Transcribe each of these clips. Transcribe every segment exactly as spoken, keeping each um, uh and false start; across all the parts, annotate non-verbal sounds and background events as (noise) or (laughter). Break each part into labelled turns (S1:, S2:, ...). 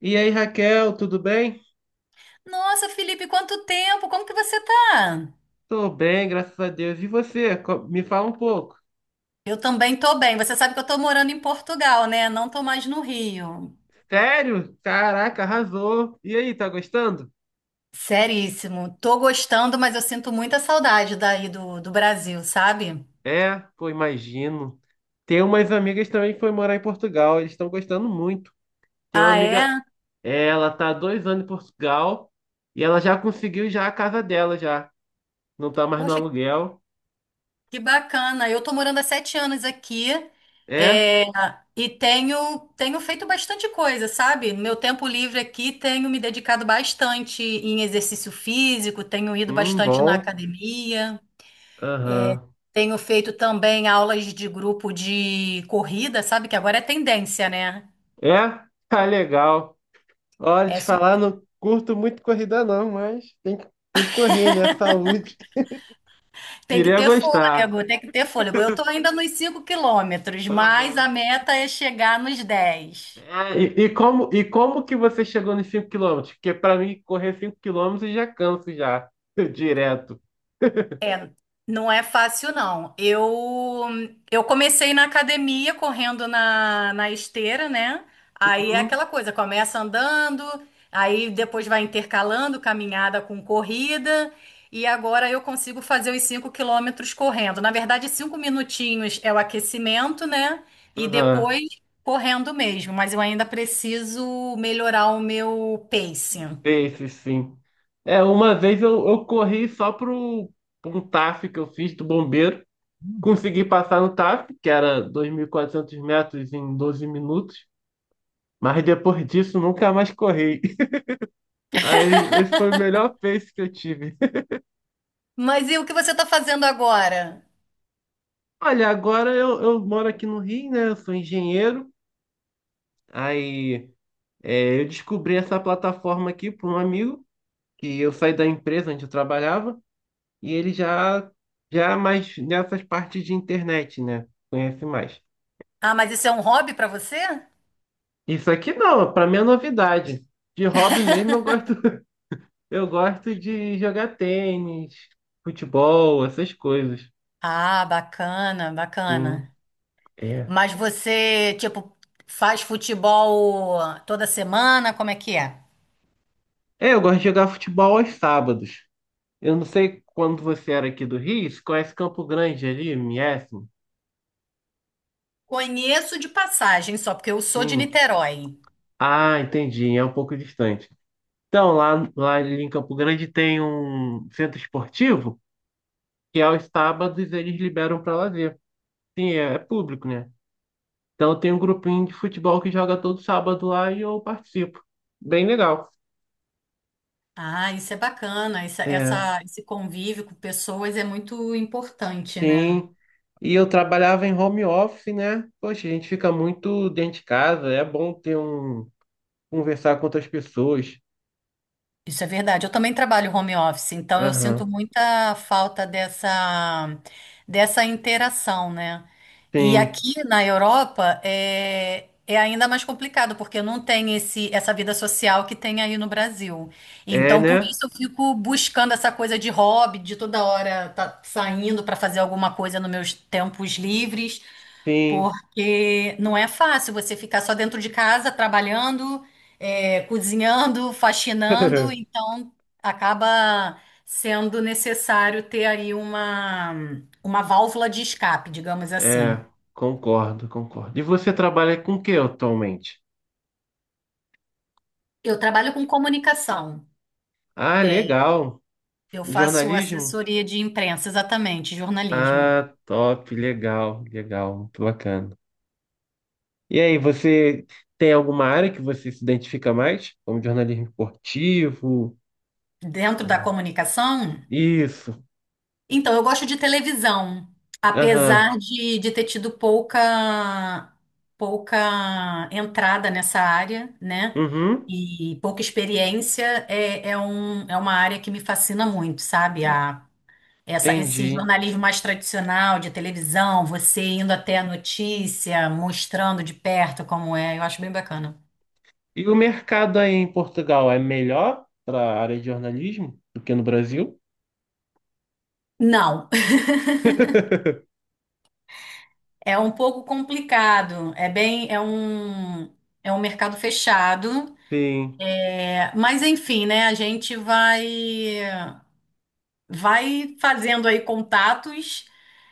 S1: E aí, Raquel, tudo bem?
S2: Nossa, Felipe, quanto tempo? Como que você tá?
S1: Tô bem, graças a Deus. E você? Co- Me fala um pouco.
S2: Eu também tô bem. Você sabe que eu tô morando em Portugal, né? Não tô mais no Rio.
S1: Sério? Caraca, arrasou. E aí, tá gostando?
S2: Seríssimo. Tô gostando, mas eu sinto muita saudade daí do, do Brasil, sabe?
S1: É, pô, imagino. Tem umas amigas também que foi morar em Portugal. Eles estão gostando muito. Tem uma
S2: Ah, é?
S1: amiga, ela tá há dois anos em Portugal e ela já conseguiu já a casa dela já. Não tá mais no
S2: Poxa,
S1: aluguel.
S2: que bacana. Eu tô morando há sete anos aqui,
S1: É?
S2: é, e tenho, tenho feito bastante coisa, sabe? Meu tempo livre aqui tenho me dedicado bastante em exercício físico, tenho ido
S1: Hum,
S2: bastante na
S1: bom.
S2: academia.
S1: Aham.
S2: Tenho feito também aulas de grupo de corrida, sabe? Que agora é tendência, né?
S1: É? Tá legal. Olha,
S2: É
S1: te
S2: su-
S1: falar, não curto muito corrida não, mas tem que, tem que correr, né? Saúde. (laughs)
S2: Tem que
S1: Iria
S2: ter
S1: gostar.
S2: fôlego, tem que ter fôlego. Eu tô ainda nos cinco quilômetros, mas a
S1: Aham.
S2: meta é chegar nos dez.
S1: É, e, e como, e como que você chegou nos cinco quilômetros? Porque pra mim, correr cinco quilômetros já canso já, (laughs) direto.
S2: Não é fácil, não. Eu, eu comecei na academia correndo na, na esteira, né? Aí é
S1: Uhum.
S2: aquela coisa, começa andando, aí depois vai intercalando caminhada com corrida, e agora eu consigo fazer os cinco quilômetros correndo. Na verdade, cinco minutinhos é o aquecimento, né? E
S1: Aham.
S2: depois correndo mesmo, mas eu ainda preciso melhorar o meu pacing.
S1: Pace, sim. É, uma vez eu, eu corri só pro, pro um T A F que eu fiz do bombeiro. Consegui passar no T A F, que era dois mil e quatrocentos metros em doze minutos. Mas depois disso, nunca mais corri. Aí, esse foi o melhor peixe que eu tive. (laughs)
S2: Mas e o que você está fazendo agora?
S1: Olha, agora eu, eu moro aqui no Rio, né? Eu sou engenheiro. Aí, é, eu descobri essa plataforma aqui por um amigo, que eu saí da empresa onde eu trabalhava, e ele já, já é mais nessas partes de internet, né? Conhece mais.
S2: Ah, mas isso é um hobby para você?
S1: Isso aqui não, para mim é novidade. De hobby mesmo, eu gosto, (laughs) eu gosto de jogar tênis, futebol, essas coisas.
S2: Ah, bacana,
S1: Sim,
S2: bacana.
S1: é.
S2: Mas você, tipo, faz futebol toda semana? Como é que é?
S1: É, eu gosto de jogar futebol aos sábados. Eu não sei quando você era aqui do Rio, você conhece Campo Grande ali, M S.
S2: Conheço de passagem só, porque eu sou de
S1: Sim.
S2: Niterói.
S1: Ah, entendi, é um pouco distante. Então, lá, lá ali em Campo Grande tem um centro esportivo que é aos sábados eles liberam para lazer. Sim, é, é público, né? Então tem um grupinho de futebol que joga todo sábado lá e eu participo. Bem legal.
S2: Ah, isso é bacana. Essa,
S1: É,
S2: essa- esse convívio com pessoas é muito importante, né?
S1: sim. E eu trabalhava em home office, né? Poxa, a gente fica muito dentro de casa, é bom ter um conversar com outras pessoas.
S2: Isso é verdade. Eu também trabalho home office, então eu sinto
S1: Aham.
S2: muita falta dessa, dessa interação, né? E
S1: Sim.
S2: aqui na Europa é, é ainda mais complicado, porque não tem esse, essa vida social que tem aí no Brasil.
S1: É,
S2: Então, por
S1: né?
S2: isso eu fico buscando essa coisa de hobby, de toda hora tá saindo para fazer alguma coisa nos meus tempos livres.
S1: Sim.
S2: Porque não é fácil você ficar só dentro de casa, trabalhando, é, cozinhando, faxinando,
S1: (laughs)
S2: então acaba sendo necessário ter aí uma, uma válvula de escape, digamos assim.
S1: É, concordo, concordo. E você trabalha com o que atualmente?
S2: Eu trabalho com comunicação,
S1: Ah,
S2: é,
S1: legal.
S2: eu faço
S1: Jornalismo?
S2: assessoria de imprensa, exatamente, jornalismo.
S1: Ah, top, legal, legal, muito bacana. E aí, você tem alguma área que você se identifica mais? Como jornalismo esportivo?
S2: Dentro da
S1: É,
S2: comunicação,
S1: isso.
S2: então, eu gosto de televisão,
S1: Aham.
S2: apesar de, de ter tido pouca, pouca entrada nessa área, né?
S1: Uhum.
S2: E pouca experiência, é, é, um, é uma área que me fascina muito, sabe? A, essa, esse
S1: Entendi.
S2: jornalismo mais tradicional de televisão, você indo até a notícia, mostrando de perto como é, eu acho bem bacana.
S1: E o mercado aí em Portugal é melhor para a área de jornalismo do que no Brasil?
S2: Não, (laughs) é um pouco complicado, é bem, é um, é um mercado fechado.
S1: Sim.
S2: Mas enfim, né? A gente vai vai fazendo aí contatos,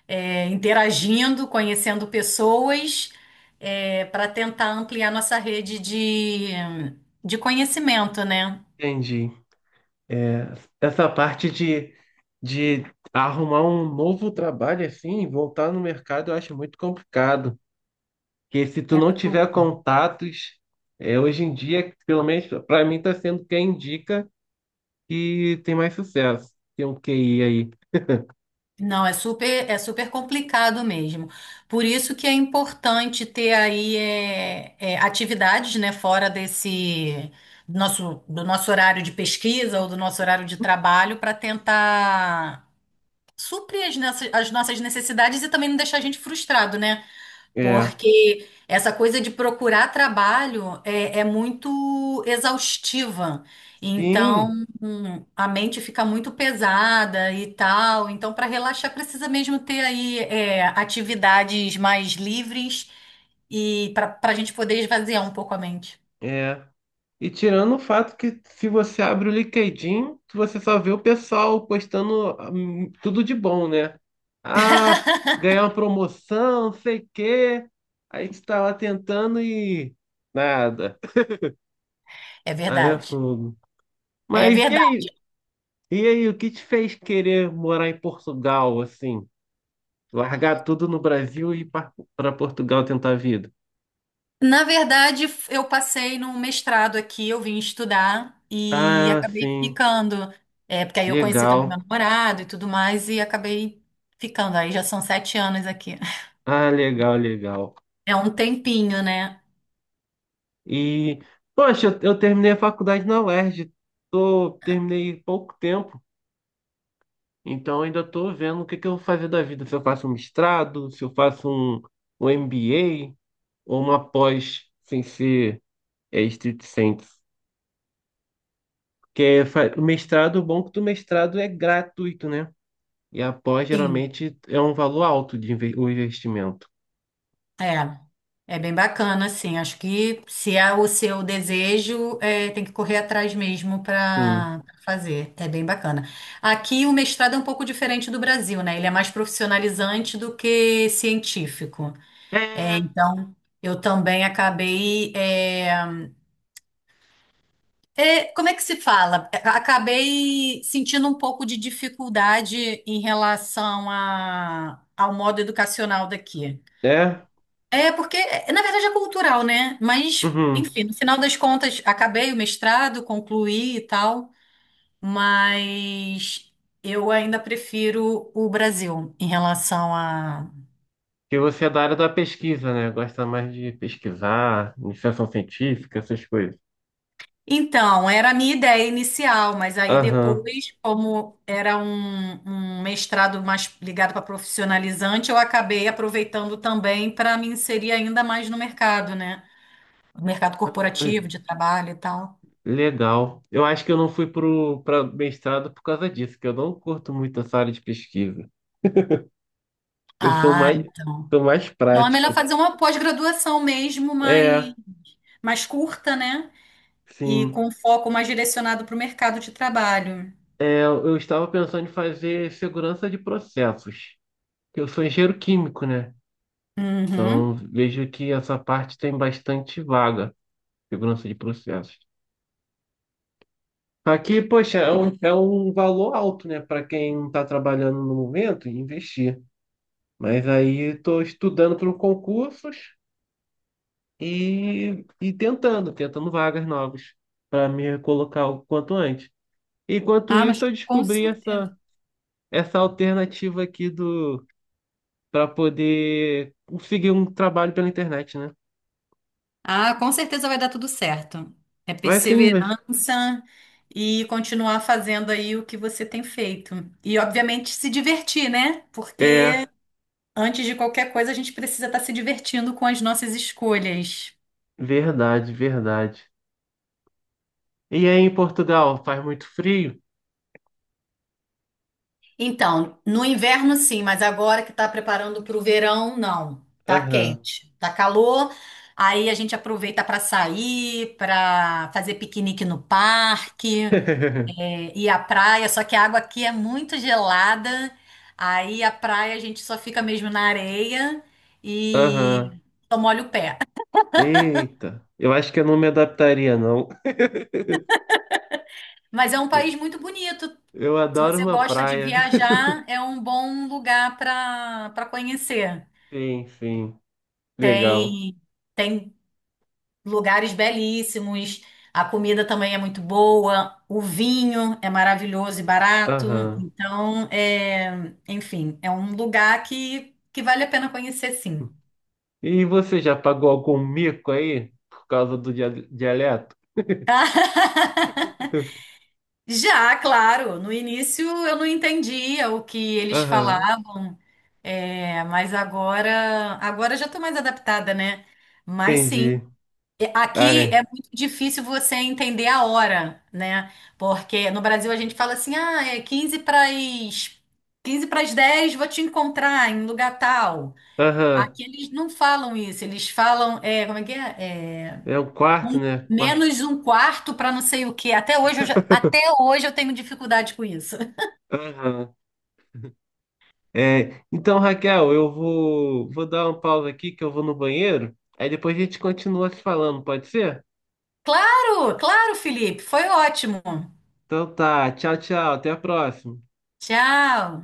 S2: é, interagindo, conhecendo pessoas, para tentar ampliar nossa rede de, de conhecimento, né?
S1: Entendi. Essa parte de, de arrumar um novo trabalho assim, e voltar no mercado, eu acho muito complicado. Porque se tu
S2: É
S1: não tiver
S2: super.
S1: contatos, é, hoje em dia, pelo menos para mim, tá sendo quem indica que tem mais sucesso. Tem um Q I aí.
S2: Não, é super, é super complicado mesmo. Por isso que é importante ter aí é, é, atividades, né, fora desse nosso, do nosso horário de pesquisa ou do nosso horário de trabalho para tentar suprir as nossas, as nossas necessidades e também não deixar a gente frustrado, né?
S1: É.
S2: Porque essa coisa de procurar trabalho é, é muito exaustiva. Então,
S1: Sim,
S2: hum, a mente fica muito pesada e tal. Então, para relaxar, precisa mesmo ter aí é, atividades mais livres e para para a gente poder esvaziar um pouco a mente.
S1: é. E tirando o fato que se você abre o LinkedIn, você só vê o pessoal postando hum, tudo de bom, né? Ah, ganhar uma promoção, não sei o quê. Aí você tá lá tentando e nada.
S2: É
S1: Aí é
S2: verdade.
S1: fogo.
S2: É
S1: Mas e
S2: verdade.
S1: aí? E aí, o que te fez querer morar em Portugal, assim? Largar tudo no Brasil e ir para Portugal tentar a vida?
S2: Na verdade, f- eu passei num mestrado aqui, eu vim estudar e
S1: Ah,
S2: acabei
S1: sim.
S2: ficando. É, porque aí eu conheci também meu
S1: Legal.
S2: namorado e tudo mais, e acabei ficando. Aí já são sete anos aqui.
S1: Ah, legal, legal.
S2: É um tempinho, né?
S1: E, poxa, eu, eu terminei a faculdade na UERJ. Tô, terminei pouco tempo, então ainda tô vendo o que que eu vou fazer da vida. Se eu faço um mestrado, se eu faço um, um M B A ou uma pós sem ser é, estrito senso. Porque fa- o mestrado, o bom é que o mestrado é gratuito, né? E a pós
S2: Sim,
S1: geralmente é um valor alto de inve- o investimento.
S2: é. É bem bacana, assim. Acho que se é o seu desejo, é, tem que correr atrás mesmo
S1: Sim.
S2: para fazer. É bem bacana. Aqui o mestrado é um pouco diferente do Brasil, né? Ele é mais profissionalizante do que científico. É,
S1: É,
S2: então, eu também acabei, é, é, como é que se fala? É, acabei sentindo um pouco de dificuldade em relação a, ao modo educacional daqui.
S1: é.
S2: É, porque, é, na verdade, é cultural, né? Mas,
S1: Uhum.
S2: enfim, no final das contas, acabei o mestrado, concluí e tal, mas eu ainda prefiro o Brasil em relação a.
S1: Que você é da área da pesquisa, né? Gosta mais de pesquisar, iniciação científica, essas coisas.
S2: Então, era a minha ideia inicial, mas aí
S1: Aham.
S2: depois, como era um, um mestrado mais ligado para profissionalizante, eu acabei aproveitando também para me inserir ainda mais no mercado, né? No mercado
S1: Ah,
S2: corporativo, de trabalho e tal.
S1: legal. Eu acho que eu não fui pro para mestrado por causa disso, que eu não curto muito essa área de pesquisa. Eu sou
S2: Ah,
S1: mais
S2: então.
S1: sou mais
S2: Então é melhor
S1: prático.
S2: fazer uma pós-graduação mesmo, mais,
S1: É,
S2: mais curta, né? E
S1: sim.
S2: com foco mais direcionado para o mercado de trabalho.
S1: É, eu estava pensando em fazer segurança de processos. Eu sou engenheiro químico, né? Então
S2: Uhum.
S1: vejo que essa parte tem bastante vaga, segurança de processos. Aqui, poxa, é um, é um valor alto, né, para quem está trabalhando no momento e investir. Mas aí estou estudando para concursos e, e tentando, tentando vagas novas para me colocar o quanto antes. Enquanto
S2: Ah, mas
S1: isso, eu
S2: com
S1: descobri
S2: certeza.
S1: essa, essa alternativa aqui do para poder conseguir um trabalho pela internet, né?
S2: Ah, com certeza vai dar tudo certo. É
S1: Vai sim, mas
S2: perseverança e continuar fazendo aí o que você tem feito. E, obviamente, se divertir, né? Porque
S1: é
S2: antes de qualquer coisa, a gente precisa estar se divertindo com as nossas escolhas.
S1: verdade, verdade. E aí em Portugal, faz muito frio?
S2: Então, no inverno sim, mas agora que tá preparando para o verão, não. Tá
S1: Aham.
S2: quente, tá calor. Aí a gente aproveita para sair, para fazer piquenique no parque.
S1: (laughs)
S2: É, e a praia, só que a água aqui é muito gelada, aí a praia a gente só fica mesmo na areia e
S1: Aham.
S2: só molha o pé.
S1: Eita, eu acho que eu não me adaptaria, não. (laughs)
S2: (laughs) Mas é um país muito bonito.
S1: Eu
S2: Se
S1: adoro
S2: você
S1: uma
S2: gosta de
S1: praia. (laughs)
S2: viajar, é um bom lugar para para conhecer.
S1: Sim, sim. Legal.
S2: Tem tem lugares belíssimos, a comida também é muito boa, o vinho é maravilhoso e barato.
S1: Aham.
S2: Então, é, enfim, é um lugar que que vale a pena conhecer, sim.
S1: E você já pagou algum mico aí por causa do dia- dialeto?
S2: (laughs)
S1: (laughs)
S2: Já, claro. No início eu não entendia o que eles
S1: Aham.
S2: falavam, é, mas agora, agora eu já estou mais adaptada, né? Mas sim,
S1: Entendi.
S2: e- aqui
S1: Ai.
S2: é muito difícil você entender a hora, né? Porque no Brasil a gente fala assim, ah, é quinze para as quinze para as dez, vou te encontrar em lugar tal.
S1: Aham.
S2: Aqui eles não falam isso, eles falam, é, como é que é? É,
S1: É um quarto,
S2: um-
S1: né? Qua-
S2: menos um quarto para não sei o quê. Até hoje eu já- até hoje eu tenho dificuldade com isso. (laughs)
S1: Aham. É. Então, Raquel, eu vou vou dar uma pausa aqui que eu vou no banheiro. Aí depois a gente continua se falando, pode ser?
S2: Claro, claro, Felipe, foi ótimo.
S1: Então tá. Tchau, tchau. Até a próxima.
S2: Tchau.